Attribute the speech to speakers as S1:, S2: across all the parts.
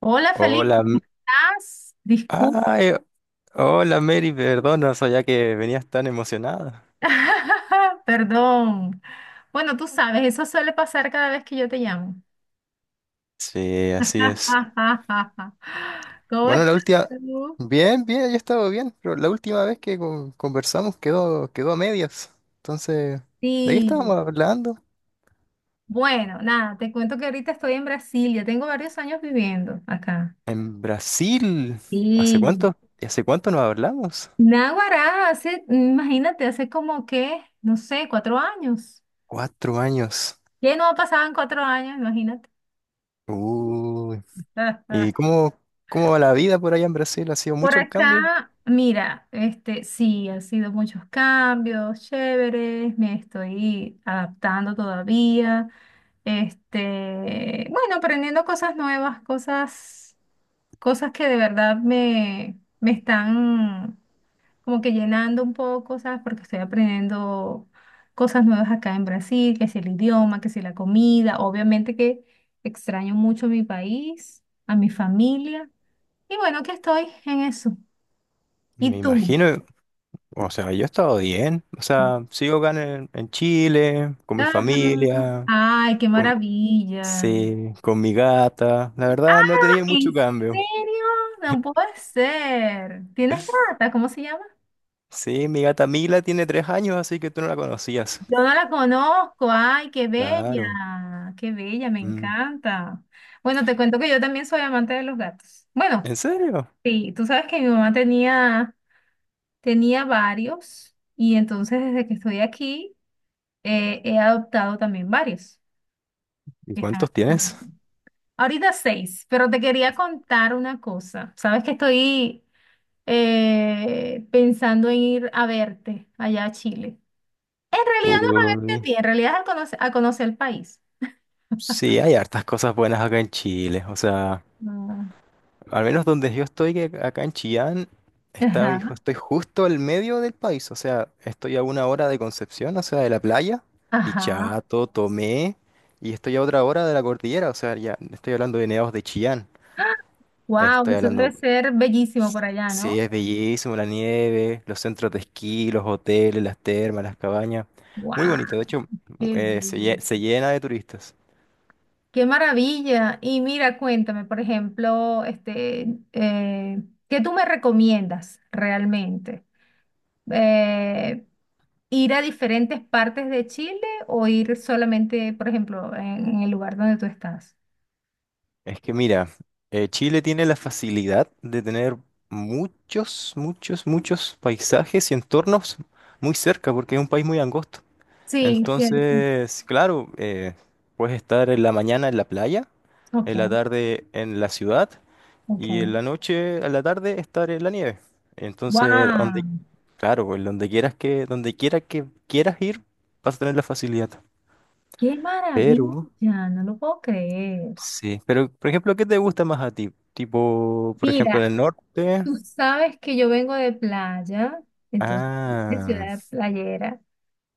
S1: Hola,
S2: Hola,
S1: Felipe, ¿cómo
S2: M-
S1: ¿estás? Disculpa,
S2: ay, hola, Mary, perdona, no sabía que venías tan emocionada.
S1: perdón. Bueno, tú sabes, eso suele pasar cada vez que yo te llamo.
S2: Sí, así es.
S1: ¿Cómo
S2: Bueno,
S1: estás
S2: la última,
S1: tú?
S2: bien, bien, yo he estado bien, pero la última vez que conversamos quedó a medias. Entonces, ¿de qué
S1: Sí,
S2: estábamos hablando?
S1: bueno, nada, te cuento que ahorita estoy en Brasil, ya tengo varios años viviendo acá.
S2: En Brasil. ¿Hace
S1: Y
S2: cuánto? ¿Y hace cuánto nos hablamos?
S1: Naguará, hace, imagínate, hace como que, no sé, 4 años.
S2: Cuatro años.
S1: ¿Qué no ha pasado en 4 años? Imagínate.
S2: Uy. ¿Y cómo va la vida por allá en Brasil? ¿Ha sido
S1: Por
S2: mucho el cambio?
S1: acá, mira, sí, han sido muchos cambios, chéveres, me estoy adaptando todavía. Bueno, aprendiendo cosas nuevas, cosas que de verdad me están como que llenando un poco, ¿sabes? Porque estoy aprendiendo cosas nuevas acá en Brasil, que si el idioma, que si la comida, obviamente que extraño mucho mi país, a mi familia, y bueno, que estoy en eso. ¿Y
S2: Me
S1: tú?
S2: imagino. O sea, yo he estado bien. O sea, sigo acá en Chile, con mi
S1: Ajá.
S2: familia,
S1: Ay, qué
S2: con,
S1: maravilla.
S2: sí, con mi gata. La verdad, no tenía
S1: ¿En
S2: mucho cambio.
S1: serio? No puede ser. ¿Tienes gata? ¿Cómo se llama?
S2: Sí, mi gata Mila tiene tres años, así que tú no la conocías.
S1: Yo no la conozco. Ay, qué
S2: Claro.
S1: bella. Qué bella, me
S2: Mm.
S1: encanta. Bueno, te cuento que yo también soy amante de los gatos. Bueno,
S2: ¿En serio?
S1: sí, tú sabes que mi mamá tenía, tenía varios y entonces desde que estoy aquí he adoptado también varios
S2: ¿Y
S1: que están
S2: cuántos
S1: aquí
S2: tienes?
S1: conmigo. Ahorita seis, pero te quería contar una cosa. Sabes que estoy pensando en ir a verte allá a Chile. En realidad no es a verte a
S2: Uy.
S1: ti, en realidad es a conocer el país.
S2: Sí, hay hartas cosas buenas acá en Chile. O sea,
S1: Ah,
S2: al menos donde yo estoy, que acá en Chillán, hijo,
S1: ajá,
S2: estoy justo al medio del país. O sea, estoy a una hora de Concepción, o sea, de la playa,
S1: ajá.
S2: Dichato, Tomé, y estoy a otra hora de la cordillera. O sea, ya estoy hablando de nevados de Chillán.
S1: Wow,
S2: Estoy
S1: eso debe
S2: hablando,
S1: ser bellísimo por allá,
S2: sí,
S1: ¿no?
S2: es bellísimo la nieve, los centros de esquí, los hoteles, las termas, las cabañas. Muy
S1: Wow,
S2: bonito, de hecho,
S1: qué bello.
S2: se llena de turistas.
S1: Qué maravilla. Y mira, cuéntame, por ejemplo, eh, ¿qué tú me recomiendas realmente? Eh, ¿Ir a diferentes partes de Chile o ir solamente, por ejemplo, en el lugar donde tú estás?
S2: Es que mira, Chile tiene la facilidad de tener muchos paisajes y entornos muy cerca, porque es un país muy angosto.
S1: Sí, cierto.
S2: Entonces, claro, puedes estar en la mañana en la playa,
S1: Ok,
S2: en la tarde en la ciudad
S1: ok.
S2: y en la noche, a la tarde, estar en la nieve. Entonces, donde,
S1: ¡Wow!
S2: claro, pues, donde quiera que quieras ir, vas a tener la facilidad.
S1: ¡Qué
S2: Pero
S1: maravilla! No lo puedo creer.
S2: sí, pero por ejemplo, ¿qué te gusta más a ti? Tipo, por ejemplo, en
S1: Mira,
S2: el norte.
S1: tú sabes que yo vengo de playa, entonces, de
S2: Ah,
S1: ciudad playera.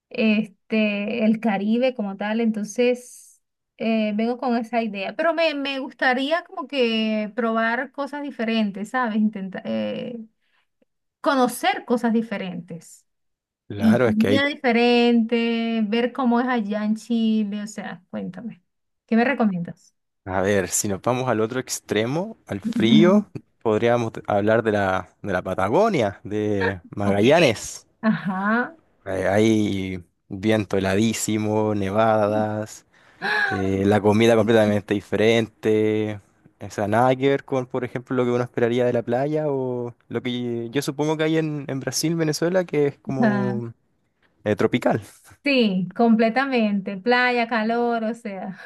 S1: El Caribe como tal, entonces vengo con esa idea, pero me gustaría como que probar cosas diferentes, ¿sabes? Intentar conocer cosas diferentes y
S2: claro, es que
S1: comida
S2: hay.
S1: diferente, ver cómo es allá en Chile, o sea, cuéntame, ¿qué me recomiendas?
S2: A ver, si nos vamos al otro extremo, al
S1: Ujú.
S2: frío, podríamos hablar de de la Patagonia, de
S1: Ok,
S2: Magallanes.
S1: ajá.
S2: Hay viento heladísimo, nevadas,
S1: ¡Ah!
S2: la comida completamente diferente. O sea, nada que ver con, por ejemplo, lo que uno esperaría de la playa o lo que yo supongo que hay en Brasil, Venezuela, que es
S1: Ajá.
S2: como tropical.
S1: Sí, completamente, playa, calor, o sea.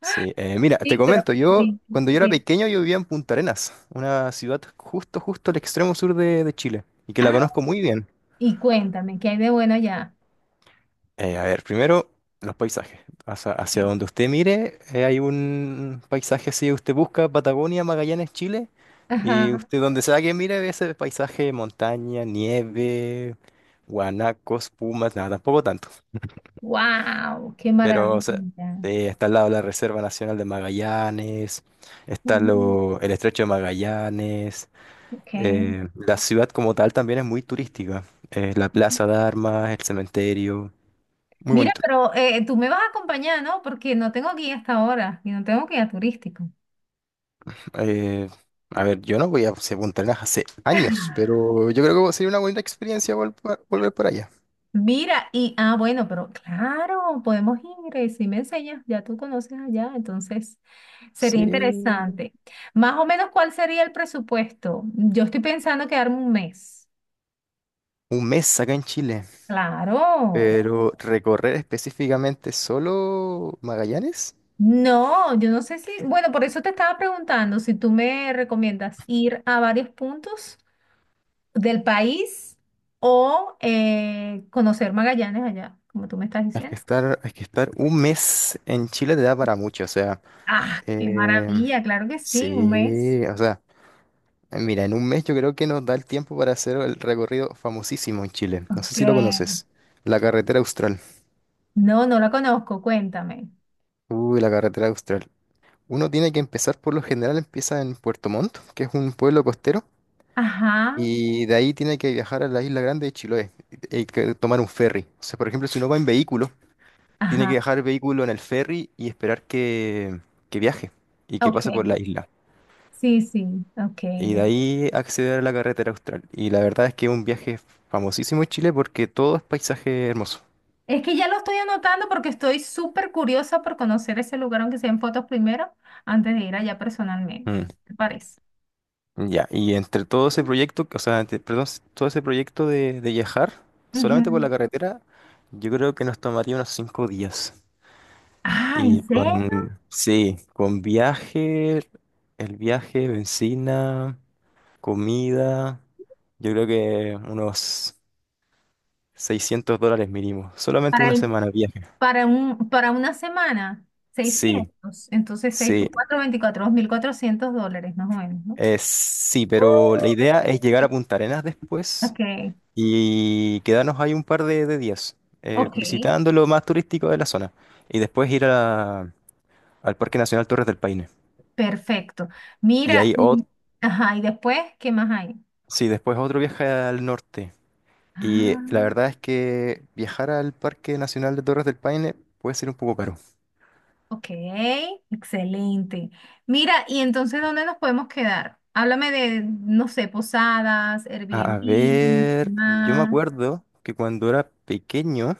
S2: Sí. Mira, te
S1: Sí, pero
S2: comento, yo
S1: sí,
S2: cuando yo era
S1: sí.
S2: pequeño yo vivía en Punta Arenas, una ciudad justo al extremo sur de Chile, y que la conozco muy bien.
S1: Y cuéntame, ¿qué hay de bueno allá?
S2: A ver, primero, los paisajes. Hacia donde usted mire, hay un paisaje, si usted busca Patagonia, Magallanes, Chile, y
S1: Ajá.
S2: usted donde sea que mire, ve ese paisaje, montaña, nieve, guanacos, pumas, nada, tampoco tanto.
S1: Wow, qué
S2: Pero, o sea,
S1: maravilla.
S2: está al lado la Reserva Nacional de Magallanes, está
S1: Ujú,
S2: el Estrecho de Magallanes.
S1: ok.
S2: La ciudad como tal también es muy turística. La Plaza de Armas, el cementerio, muy
S1: Mira,
S2: bonito.
S1: pero tú me vas a acompañar, ¿no? Porque no tengo guía hasta ahora y no tengo guía turístico.
S2: Eh, a ver, yo no voy a Punta Arenas hace años, pero yo creo que sería una bonita experiencia volver por allá.
S1: Mira, y bueno, pero claro, podemos ir, si me enseñas, ya tú conoces allá, entonces sería
S2: Sí,
S1: interesante. Más o menos, ¿cuál sería el presupuesto? Yo estoy pensando quedarme un mes.
S2: un mes acá en Chile,
S1: Claro.
S2: pero recorrer específicamente solo Magallanes.
S1: No, yo no sé si, bueno, por eso te estaba preguntando si tú me recomiendas ir a varios puntos del país o conocer Magallanes allá, como tú me estás diciendo.
S2: Es que estar un mes en Chile te da para mucho, o sea,
S1: Ah, qué
S2: eh,
S1: maravilla, claro que sí, un mes.
S2: sí, o sea, mira, en un mes yo creo que nos da el tiempo para hacer el recorrido famosísimo en Chile. No sé
S1: Ok.
S2: si lo conoces, la carretera austral.
S1: No, no la conozco, cuéntame.
S2: Uy, la carretera austral. Uno tiene que empezar, por lo general, empieza en Puerto Montt, que es un pueblo costero,
S1: Ajá,
S2: y de ahí tiene que viajar a la Isla Grande de Chiloé y que tomar un ferry. O sea, por ejemplo, si uno va en vehículo, tiene que
S1: ajá,
S2: dejar el vehículo en el ferry y esperar que viaje y que pase por
S1: ok.
S2: la isla.
S1: Sí, sí, ok.
S2: Y de
S1: de-
S2: ahí acceder a la carretera austral. Y la verdad es que es un viaje famosísimo en Chile porque todo es paisaje hermoso.
S1: Es que ya lo estoy anotando porque estoy súper curiosa por conocer ese lugar, aunque sean fotos primero, antes de ir allá personalmente.
S2: Mm,
S1: ¿Te parece?
S2: ya, y entre todo ese proyecto, o sea, perdón, todo ese proyecto de viajar solamente por
S1: Ujú.
S2: la carretera, yo creo que nos tomaría unos cinco días.
S1: Ah, ¿en serio?
S2: Sí, con viaje, el viaje, bencina. Comida, yo creo que unos $600 mínimo. Solamente
S1: Para
S2: una
S1: el,
S2: semana de viaje.
S1: para un, Para una semana,
S2: Sí,
S1: 600. Entonces, 6
S2: sí,
S1: por cuatro 24 $2.400, más o menos, ¿no?
S2: sí,
S1: Uh.
S2: pero la idea es llegar a Punta Arenas después
S1: Ok,
S2: y quedarnos ahí un par de días,
S1: ok,
S2: visitando lo más turístico de la zona. Y después al Parque Nacional Torres del Paine.
S1: perfecto.
S2: Y
S1: Mira,
S2: ahí,
S1: y, ajá, y después, ¿qué más hay?
S2: sí, después otro viaje al norte. Y la
S1: Ah,
S2: verdad es que viajar al Parque Nacional de Torres del Paine puede ser un poco caro.
S1: ok, excelente. Mira, y entonces, ¿dónde nos podemos quedar? Háblame de, no sé, posadas, Airbnb,
S2: A
S1: no sé
S2: ver, yo me
S1: más.
S2: acuerdo que cuando era pequeño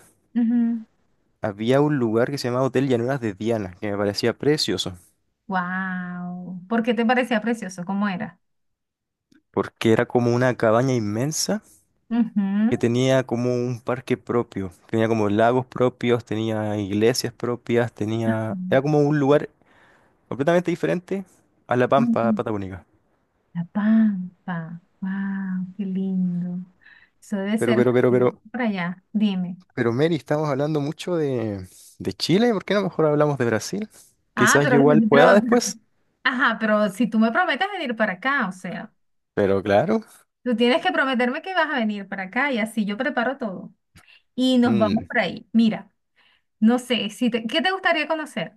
S2: había un lugar que se llamaba Hotel Llanuras de Diana, que me parecía precioso,
S1: Wow. ¿Por qué te parecía precioso? ¿Cómo era?
S2: porque era como una cabaña inmensa que
S1: Ujú.
S2: tenía como un parque propio, tenía como lagos propios, tenía iglesias propias, tenía... Era como un lugar completamente diferente a La Pampa
S1: Ujú.
S2: Patagónica.
S1: La Pampa. Wow, qué lindo. Eso debe
S2: Pero,
S1: ser
S2: pero, pero, pero,
S1: para allá. Dime.
S2: Mary, estamos hablando mucho de Chile, ¿por qué no mejor hablamos de Brasil?
S1: Ah,
S2: Quizás yo igual pueda
S1: pero-
S2: después,
S1: ajá, pero si tú me prometes venir para acá, o sea,
S2: pero claro.
S1: tú tienes que prometerme que vas a venir para acá y así yo preparo todo. Y nos vamos
S2: Mm.
S1: por ahí. Mira, no sé, si te- ¿qué te gustaría conocer?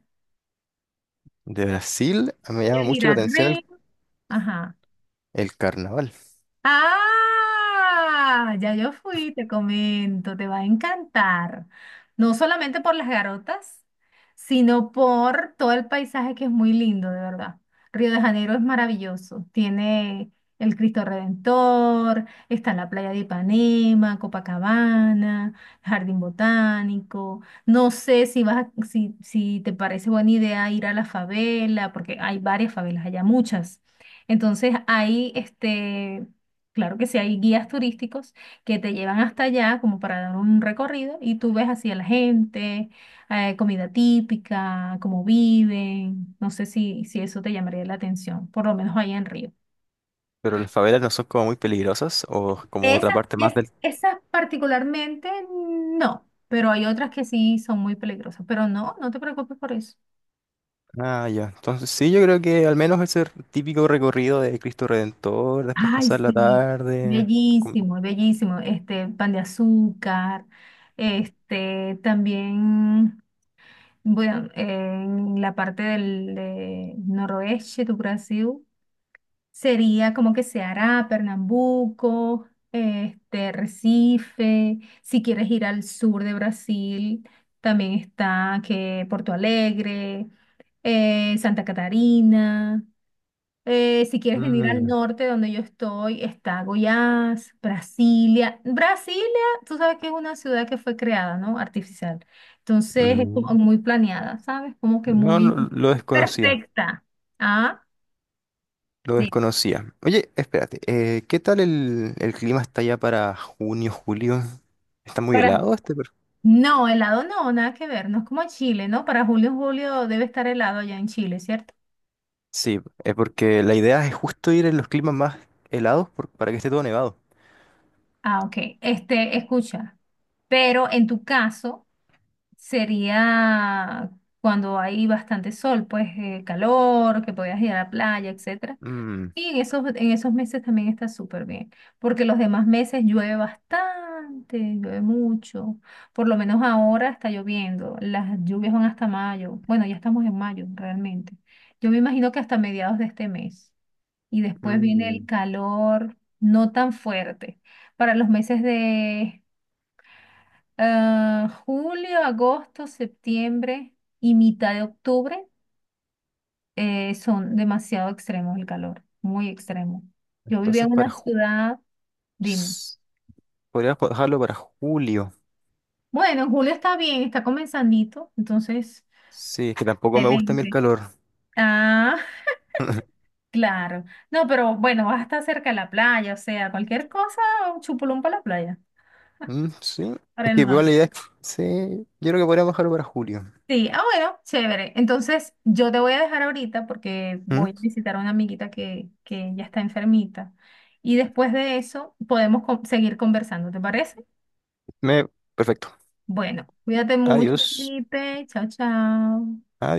S2: De Brasil me llama
S1: ¿Quieres ir
S2: mucho la
S1: a
S2: atención
S1: Río? Ajá.
S2: el carnaval,
S1: Ah, ya yo fui, te comento, te va a encantar. No solamente por las garotas, sino por todo el paisaje que es muy lindo, de verdad. Río de Janeiro es maravilloso. Tiene el Cristo Redentor, está la playa de Ipanema, Copacabana, Jardín Botánico. No sé si vas a- si, si te parece buena idea ir a la favela, porque hay varias favelas, allá muchas. Entonces, hay. Claro que sí, hay guías turísticos que te llevan hasta allá como para dar un recorrido y tú ves así a la gente, comida típica, cómo viven. No sé si eso te llamaría la atención, por lo menos allá en Río.
S2: pero las favelas no son como muy peligrosas o como otra
S1: Esas,
S2: parte más
S1: es,
S2: del...
S1: esas particularmente no, pero hay otras que sí son muy peligrosas. Pero no, no te preocupes por eso.
S2: Ah, ya. Entonces sí, yo creo que al menos ese típico recorrido de Cristo Redentor, después
S1: Ay,
S2: pasar la
S1: sí,
S2: tarde... con-
S1: bellísimo, bellísimo. Pan de azúcar, también. Bueno, en la parte del de noroeste do Brasil sería como que Ceará, Pernambuco, Recife. Si quieres ir al sur de Brasil, también está que Porto Alegre, Santa Catarina. Si quieres venir al
S2: Mm,
S1: norte donde yo estoy, está Goiás, Brasilia. Brasilia, tú sabes que es una ciudad que fue creada, ¿no? Artificial. Entonces es como
S2: mm.
S1: muy planeada, ¿sabes? Como que
S2: No, no,
S1: muy
S2: lo desconocía,
S1: perfecta. Ah,
S2: lo
S1: sí.
S2: desconocía. Oye, espérate, ¿qué tal el clima está ya para junio, julio? ¿Está muy
S1: Para...
S2: helado este?
S1: No, helado no, nada que ver, no es como Chile, ¿no? Para julio, julio debe estar helado allá en Chile, ¿cierto?
S2: Sí, es porque la idea es justo ir en los climas más helados para que esté todo nevado.
S1: Ah, ok. Escucha, pero en tu caso sería cuando hay bastante sol, pues calor, que podías ir a la playa, etcétera.
S2: Mm,
S1: Y en esos meses también está súper bien, porque los demás meses llueve bastante, llueve mucho. Por lo menos ahora está lloviendo, las lluvias van hasta mayo. Bueno, ya estamos en mayo realmente. Yo me imagino que hasta mediados de este mes. Y después viene el
S2: mm.
S1: calor no tan fuerte. Para los meses de julio, agosto, septiembre y mitad de octubre son demasiado extremos el calor, muy extremo. Yo vivía
S2: Entonces
S1: en
S2: para
S1: una
S2: ju-
S1: ciudad, dime.
S2: s- Podrías dejarlo para julio.
S1: Bueno, en julio está bien, está comenzandito, entonces,
S2: Sí, es que tampoco me gusta a mí el
S1: excelente.
S2: calor.
S1: Ah, claro. No, pero bueno, vas a estar cerca de la playa, o sea, cualquier cosa, un chupulón para la playa,
S2: Mm, sí,
S1: para
S2: es
S1: el
S2: que
S1: mar.
S2: igual la idea es- sí, yo creo que podríamos dejarlo para julio.
S1: Sí, bueno, chévere. Entonces, yo te voy a dejar ahorita porque
S2: Mm,
S1: voy a visitar a una amiguita que ya está enfermita. Y después de eso, podemos seguir conversando, ¿te parece?
S2: Me, perfecto.
S1: Bueno, cuídate mucho,
S2: Adiós.
S1: Felipe. Chao, chao.
S2: Adiós.